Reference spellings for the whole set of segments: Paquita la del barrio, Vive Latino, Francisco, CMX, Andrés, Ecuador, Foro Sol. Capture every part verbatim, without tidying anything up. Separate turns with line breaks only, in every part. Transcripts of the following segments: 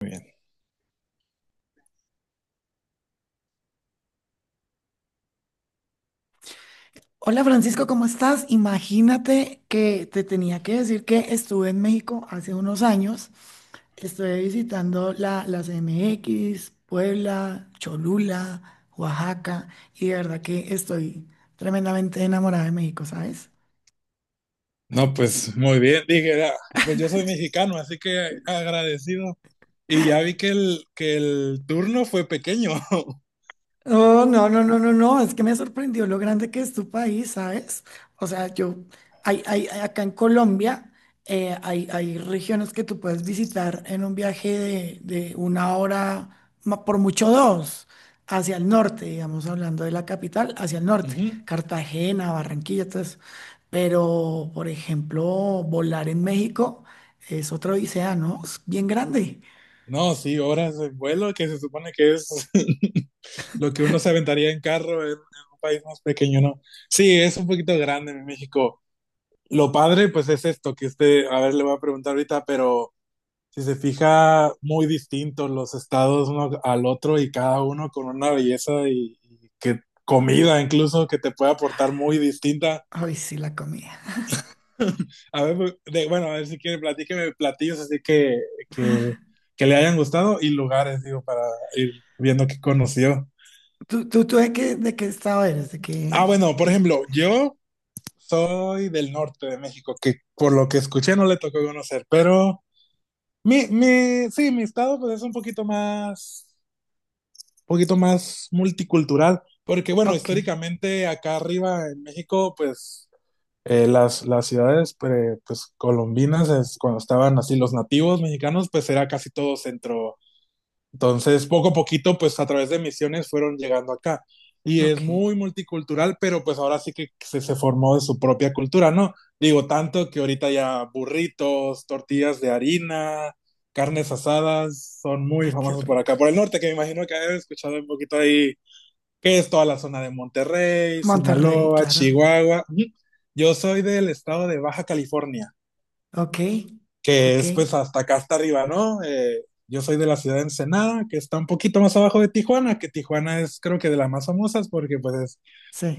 Muy bien.
Hola Francisco, ¿cómo estás? Imagínate que te tenía que decir que estuve en México hace unos años. Estuve visitando la, la C M X, Puebla, Cholula, Oaxaca y de verdad que estoy tremendamente enamorada de México, ¿sabes?
No, pues muy bien, dije, "Ah, pues yo soy mexicano, así que agradecido." Y ya vi que el, que el turno fue pequeño.
Oh, no, no, no, no, no, es que me sorprendió lo grande que es tu país, ¿sabes? O sea, yo, hay, hay, hay- acá en Colombia eh, hay, hay regiones que tú puedes visitar en un viaje de, de una hora, ma- por mucho dos, hacia el norte, digamos, hablando de la capital, hacia el norte,
Ujú.
Cartagena, Barranquilla, todo eso. Pero, por ejemplo, volar en México es otra odisea, ¿no? Es bien grande.
No, sí, horas de vuelo, que se supone que es lo que uno se aventaría en carro en, en un país más pequeño, ¿no? Sí, es un poquito grande en México. Lo padre pues es esto, que este, a ver, le voy a preguntar ahorita, pero si se fija, muy distintos los estados uno al otro y cada uno con una belleza y, y que comida incluso que te puede aportar muy distinta.
Ay, sí, la comida.
A ver, pues, de- bueno, a ver si quiere, platíqueme platillos así que, que, que le hayan gustado, y lugares, digo, para ir viendo qué conoció.
¿Tú, tú, tú de qué, de qué estado eres? ¿De qué,
Ah,
de
bueno, por
qué
ejemplo,
parte?
yo soy del norte de México, que por lo que escuché no le tocó conocer, pero mi, mi, sí, mi estado pues es un poquito más poquito más multicultural, porque bueno,
Ok,
históricamente acá arriba en México, pues eh, las, las ciudades pre- pues, colombinas, es, cuando estaban así los nativos mexicanos, pues era casi todo centro. Entonces, poco a poquito, pues a través de misiones fueron llegando acá. Y es
ok.
muy multicultural, pero pues ahora sí que se, se formó de su propia cultura, ¿no? Digo, tanto que ahorita ya burritos, tortillas de harina, carnes asadas son muy
Ay, qué
famosos por
rico.
acá, por el norte, que me imagino que he escuchado un poquito ahí, que es toda la zona de Monterrey,
Monterrey,
Sinaloa,
claro.
Chihuahua. Ujú. Yo soy del estado de Baja California,
Ok,
que
ok,
es pues hasta acá hasta arriba, ¿no? Eh, yo soy de la ciudad de Ensenada, que está un poquito más abajo de Tijuana, que Tijuana es creo que de las más famosas porque pues es,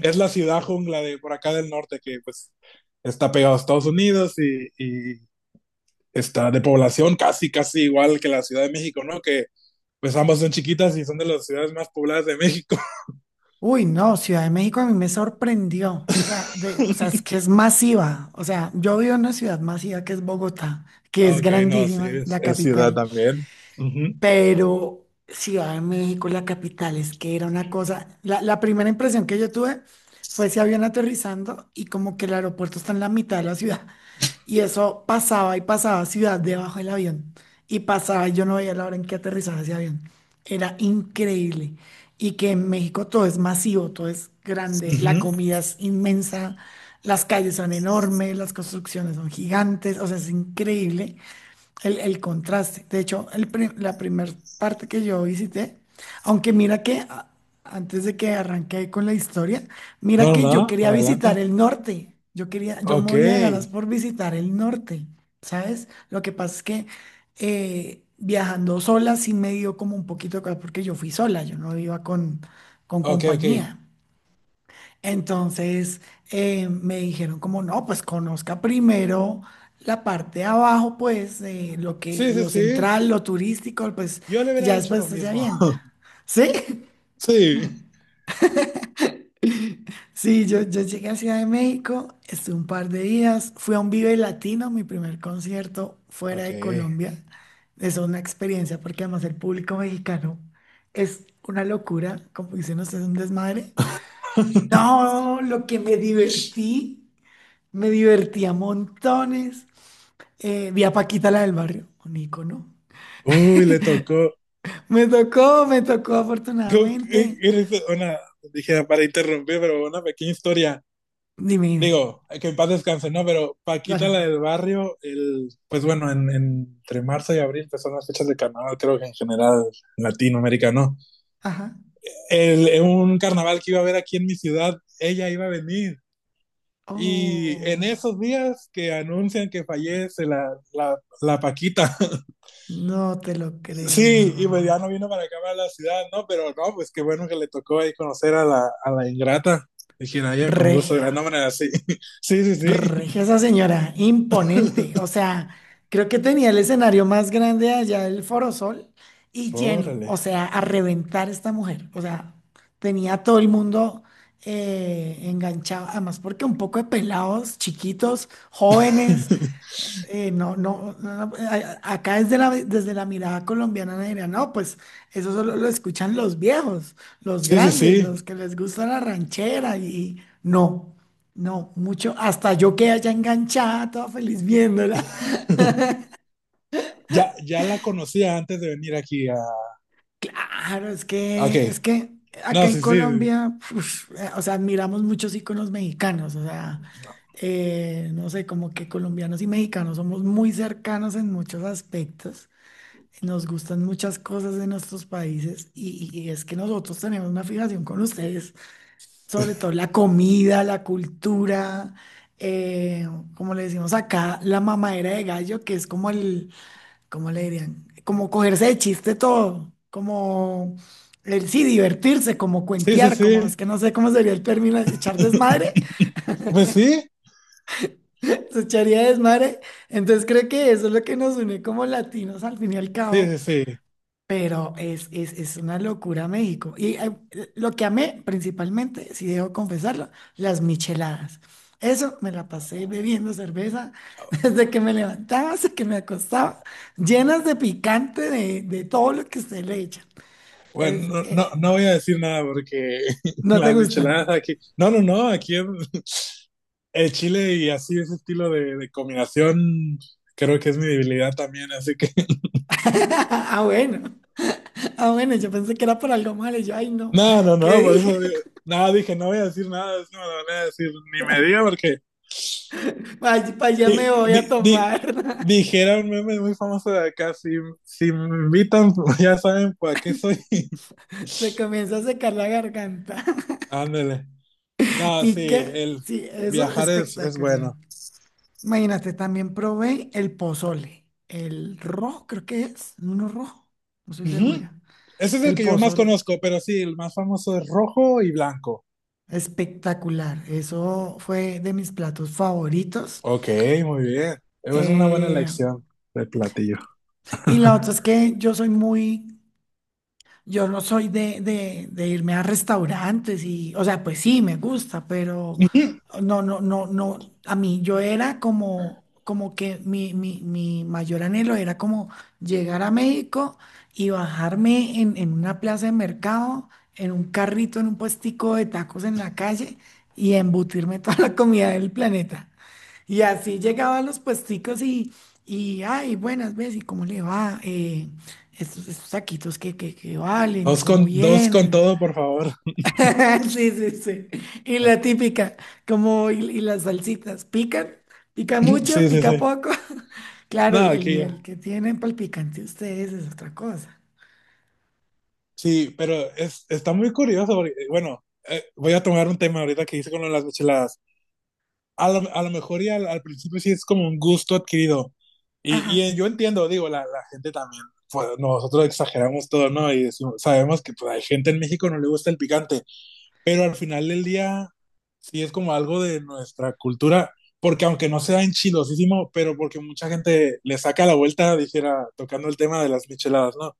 es la ciudad jungla de por acá del norte, que pues está pegado a Estados Unidos y, y está de población casi, casi igual que la Ciudad de México, ¿no? Que pues ambas son chiquitas y son de las ciudades más pobladas de México.
Uy, no, Ciudad de México a mí me sorprendió. O sea, de, o sea, es que es masiva. O sea, yo vivo en una ciudad masiva que es Bogotá, que es
Ok, no, sí,
grandísima,
es,
la
es ciudad
capital.
también. Ujú,
Pero Ciudad de México, la capital, es que era una cosa. La, la primera impresión que yo tuve fue ese avión aterrizando y como que el aeropuerto está en la mitad de la ciudad. Y eso pasaba y pasaba ciudad debajo del avión. Y pasaba y yo no veía la hora en que aterrizaba ese avión. Era increíble. Y que en México todo es masivo, todo es grande,
ujú.
la comida es inmensa, las calles son enormes, las construcciones son gigantes, o sea, es increíble el, el contraste. De hecho, el pri- la primera parte que yo visité, aunque mira que a- antes de que arranque con la historia, mira
No,
que yo
no,
quería visitar
adelante.
el norte. Yo quería, yo
Ok,
moría de ganas por visitar el norte, ¿sabes? Lo que pasa es que eh, viajando sola sí me dio como un poquito de cosa, porque yo fui sola, yo no iba con, con
ok, ok.
compañía. Entonces eh, me dijeron como, no, pues conozca primero la parte de abajo, pues eh, lo que,
Sí, sí,
lo
sí.
central, lo turístico, pues,
Yo le
y
hubiera
ya
dicho
después
lo
usted se
mismo.
avienta. ¿Sí?
Sí.
Sí, yo, yo llegué a Ciudad de México, estuve un par de días, fui a un Vive Latino, mi primer concierto fuera
Ok.
de Colombia. Es una experiencia porque además el público mexicano es una locura, como dicen ustedes, un desmadre. No, lo que me divertí. Me divertía montones. Eh, vi a Paquita la del barrio, un ícono.
Uy, le tocó.
Me tocó, me tocó afortunadamente.
Una, dije para interrumpir, pero una pequeña historia.
Dime, dime.
Digo, que en paz descanse, ¿no? Pero
Claro.
Paquita la del barrio, el, pues bueno, en, en- entre marzo y abril, pues son las fechas de carnaval, creo que en general latinoamericano.
Ajá.
El, en un carnaval que iba a haber aquí en mi ciudad, ella iba a venir. Y en
Oh,
esos días que anuncian que fallece la, la, la Paquita.
no te lo creo.
Sí, y pues ya no vino para acá, para la ciudad, ¿no? Pero no, pues qué bueno que le tocó ahí conocer a la, a la ingrata. De Jiraya, con gusto, de
Regia.
la no, manera, sí. Sí, sí, sí.
Regia esa señora, imponente. O sea, creo que tenía el escenario más grande allá del Foro Sol y lleno.
Órale.
O sea, a reventar esta mujer. O sea, tenía a todo el mundo eh, enganchado. Además, porque un poco de pelados, chiquitos, jóvenes eh, no, no, no, no, a- a- acá desde la, desde la mirada colombiana me dirán, no, pues eso solo lo escuchan los viejos, los
Sí, sí,
grandes,
sí.
los que les gusta la ranchera y no, no, mucho, hasta yo quedé allá enganchada, toda feliz viéndola.
Ya, ya la conocía antes de venir aquí a...
Claro, es
Ok.
que, es que acá
No,
en
sí, sí.
Colombia, uf, eh, o sea, admiramos muchos íconos mexicanos, o sea, eh, no sé, como que colombianos y mexicanos somos muy cercanos en muchos aspectos. Nos gustan muchas cosas de nuestros países y, y- y es que nosotros tenemos una fijación con ustedes, sobre todo la comida, la cultura, eh, como le decimos acá, la mamadera de gallo, que es como el, ¿cómo le dirían? Como cogerse de chiste todo, como el sí, divertirse, como
Sí, sí,
cuentear, como
sí.
es que no sé cómo sería el término, echar desmadre,
Pues sí.
se echaría desmadre. Entonces creo que eso es lo que nos une como latinos al fin y al
Sí, sí,
cabo.
sí.
Pero es, es, es una locura México. Y eh, lo que amé principalmente, si debo confesarlo, las micheladas. Eso me la pasé bebiendo cerveza desde que me levantaba hasta que me acostaba, llenas de picante de, de todo lo que usted le echa.
Bueno,
Entonces,
no, no,
eh,
no voy a decir nada porque
no te
las
gustan.
micheladas aquí... No, no, no, aquí es... El chile y así ese estilo de, de combinación creo que es mi debilidad también, así que
Ah, bueno. Ah, bueno, yo pensé que era por algo malo. Y yo, ay, no.
no, no,
¿Qué
no, por eso
dije?
di- nada, dije, no voy a decir nada, es que me lo van a decir, ni me diga porque
Para allá
sí,
me voy a
di- di-
tomar.
dijera un meme muy famoso de acá, si, si me invitan, ya saben para qué soy.
Se comienza a secar la garganta.
Ándale. No, sí,
Y que,
el
sí, eso es
viajar es, es
espectacular.
bueno.
Imagínate, también probé el pozole, el rojo, creo que es, uno rojo, no estoy
Ujú.
segura.
Ese es el
El
que yo más
pozole,
conozco, pero sí, el más famoso es rojo y blanco.
espectacular. Eso fue de mis platos favoritos.
Ok, muy bien. Es una buena
Eh,
elección de platillo.
y la otra es que yo soy muy. Yo no soy de, de, de irme a restaurantes y, o sea, pues sí, me gusta, pero no, no, no, no. A mí yo era como, como que mi, mi, mi mayor anhelo era como llegar a México y bajarme en, en una plaza de mercado, en un carrito, en un puestico de tacos en la calle y embutirme toda la comida del planeta. Y así llegaban los puesticos y, y ay, buenas ves, ¿y cómo le va? Eh, estos, estos taquitos que, que, que valen,
Dos
¿cómo
con, dos con
vienen?
todo, por favor.
Sí, sí, sí. Y
Ah,
la típica, como, y, y las salsitas, ¿pican? ¿Pica mucho?
sí, sí,
¿Pica
sí.
poco? Claro,
No,
el, el
aquí
nivel
ya.
que tienen para el picante ustedes es otra cosa.
Sí, pero es, está muy curioso porque, bueno, eh, voy a tomar un tema ahorita que hice con lo de las micheladas. A lo, a lo mejor y al, al principio sí es como un gusto adquirido. Y,
Ajá.
y, eh, yo entiendo, digo, la, la gente también, pues, nosotros exageramos todo, ¿no? Y decimos- sabemos que pues hay gente en México no le gusta el picante, pero al final del día sí es como algo de nuestra cultura, porque aunque no sea enchilosísimo, pero porque mucha gente le saca la vuelta, dijera, tocando el tema de las micheladas, ¿no?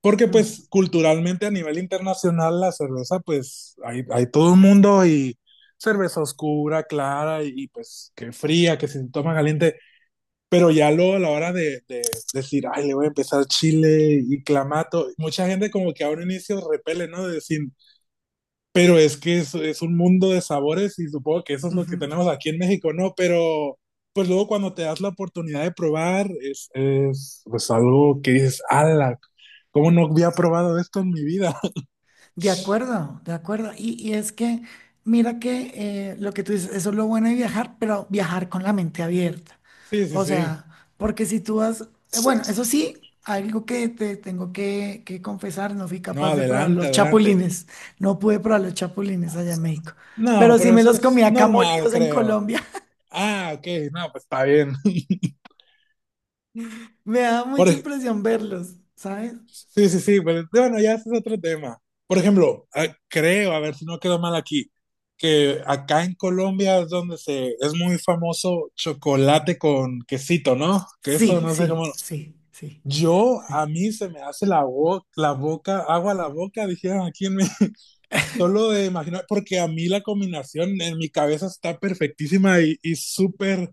Porque
Mm,
pues culturalmente a nivel internacional la cerveza, pues hay, hay todo el mundo y cerveza oscura, clara y, y, pues que fría, que se toma caliente, pero ya luego a la hora de, de decir, ay, le voy a empezar chile y clamato, mucha gente como que a un inicio repele, ¿no? De decir, pero es que es, es un mundo de sabores y supongo que eso es lo
ujú.
que tenemos aquí en México, ¿no? Pero pues luego cuando te das la oportunidad de probar, es, es pues algo que dices, ala, ¿cómo no había probado esto en mi vida?
De acuerdo, de acuerdo. Y, y es que, mira que eh, lo que tú dices, eso es lo bueno de viajar, pero viajar con la mente abierta.
Sí, sí,
O
sí.
sea, porque si tú vas, eh, bueno, eso sí, algo que te tengo que, que confesar, no fui
No,
capaz de probar
adelante,
los
adelante.
chapulines. No pude probar los chapulines allá en México,
No,
pero sí
pero
me
eso
los comí
es
acá
normal,
molidos en
creo.
Colombia.
Ah, ok, no, pues está bien.
Me da
Por
mucha
ej-
impresión verlos, ¿sabes?
Sí, sí, sí, pero bueno, ya ese es otro tema. Por ejemplo, ah, creo, a ver si no quedó mal aquí, que acá en Colombia es donde se es muy famoso chocolate con quesito, ¿no? Queso
Sí,
no sé cómo.
sí, sí, sí,
Yo a
sí.
mí se me hace la boca, la boca, agua a la boca, dijeron aquí en México. Solo de imaginar, porque a mí la combinación en mi cabeza está perfectísima y, y súper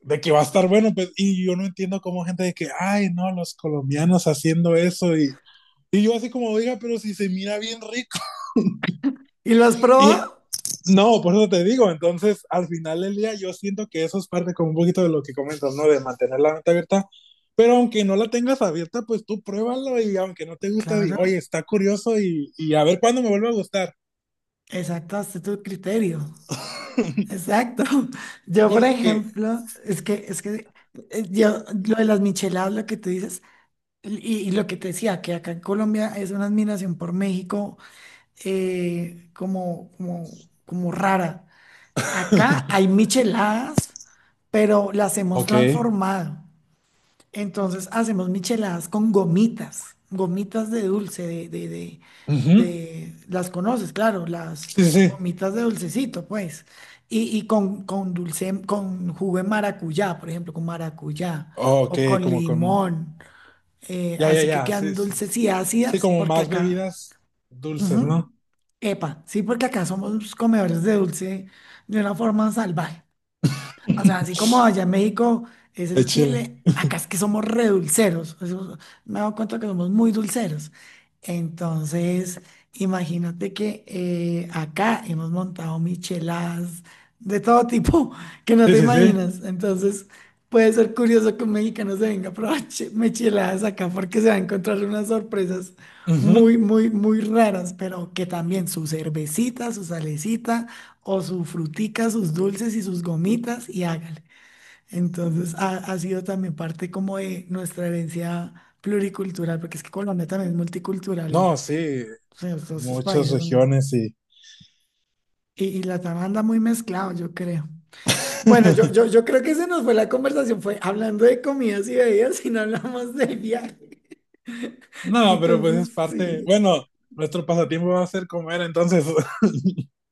de que va a estar bueno, pues, y yo no entiendo cómo gente de que, ay, no, los colombianos haciendo eso, y y yo así como, diga, pero si se mira bien rico.
¿Y lo has
Y
probado?
no, por eso te digo, entonces al final del día yo siento que eso es parte como un poquito de lo que comentas, ¿no? De mantener la mente abierta. Pero aunque no la tengas abierta, pues tú pruébalo y aunque no te gusta, di,
Claro,
oye, está curioso y, y a ver cuándo me vuelve a gustar.
exacto, hasta tu criterio. Exacto. Yo, por
Porque,
ejemplo, es que, es que eh, yo, lo de las micheladas, lo que tú dices, y, y lo que te decía, que acá en Colombia es una admiración por México eh, como, como, como rara. Acá hay micheladas, pero las hemos
ok,
transformado. Entonces hacemos micheladas con gomitas, gomitas de dulce, de, de, de,
ujú,
de- las conoces, claro, las
sí, sí, sí,
gomitas de dulcecito, pues. Y, y con, con dulce, con jugo de maracuyá, por ejemplo, con maracuyá
ok,
o con
como con,
limón. Eh,
ya, ya,
así que
ya,
quedan
sí, sí,
dulces y
sí,
ácidas,
como
porque
más
acá,
bebidas dulces,
ujú,
¿no?
epa, sí, porque acá somos comedores de dulce de una forma salvaje. O sea, así como allá en México es
De
el
chile.
chile, acá es que somos redulceros. Eso, me he dado cuenta que somos muy dulceros. Entonces, imagínate que eh, acá hemos montado micheladas de todo tipo que no
Sí,
te
sí, sí.
imaginas. Entonces, puede ser curioso que un mexicano se venga a probar che- micheladas acá porque se va a encontrar unas sorpresas
Ujú.
muy, muy, muy raras, pero que también su cervecita, su salecita o su frutica, sus dulces y sus gomitas y hágale. Entonces ha, ha sido también parte como de nuestra herencia pluricultural, porque es que Colombia también es multicultural
No,
y
sí,
o sea, todos esos
muchas
países son...
regiones y...
Y, y la tama anda muy mezclado, yo creo. Bueno, yo, yo, yo creo que se nos fue la conversación, fue hablando de comidas y bebidas y no hablamos del viaje.
No, pero pues es
Entonces,
parte...
sí.
Bueno, nuestro pasatiempo va a ser comer, entonces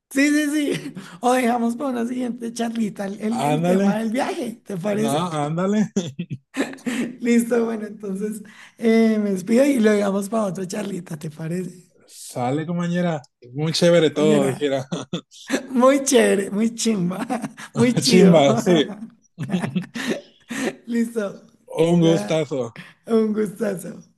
Sí, sí, sí. O dejamos para una siguiente charlita el, el el tema
ándale,
del viaje, ¿te
no,
parece?
ándale,
Listo, bueno, entonces eh, me despido y lo dejamos para otra charlita, ¿te parece,
sale compañera, muy chévere todo,
compañera?
dijera.
Muy chévere, muy chimba, muy chido.
Chimba, sí.
Listo,
Un
ya,
gustazo.
un gustazo.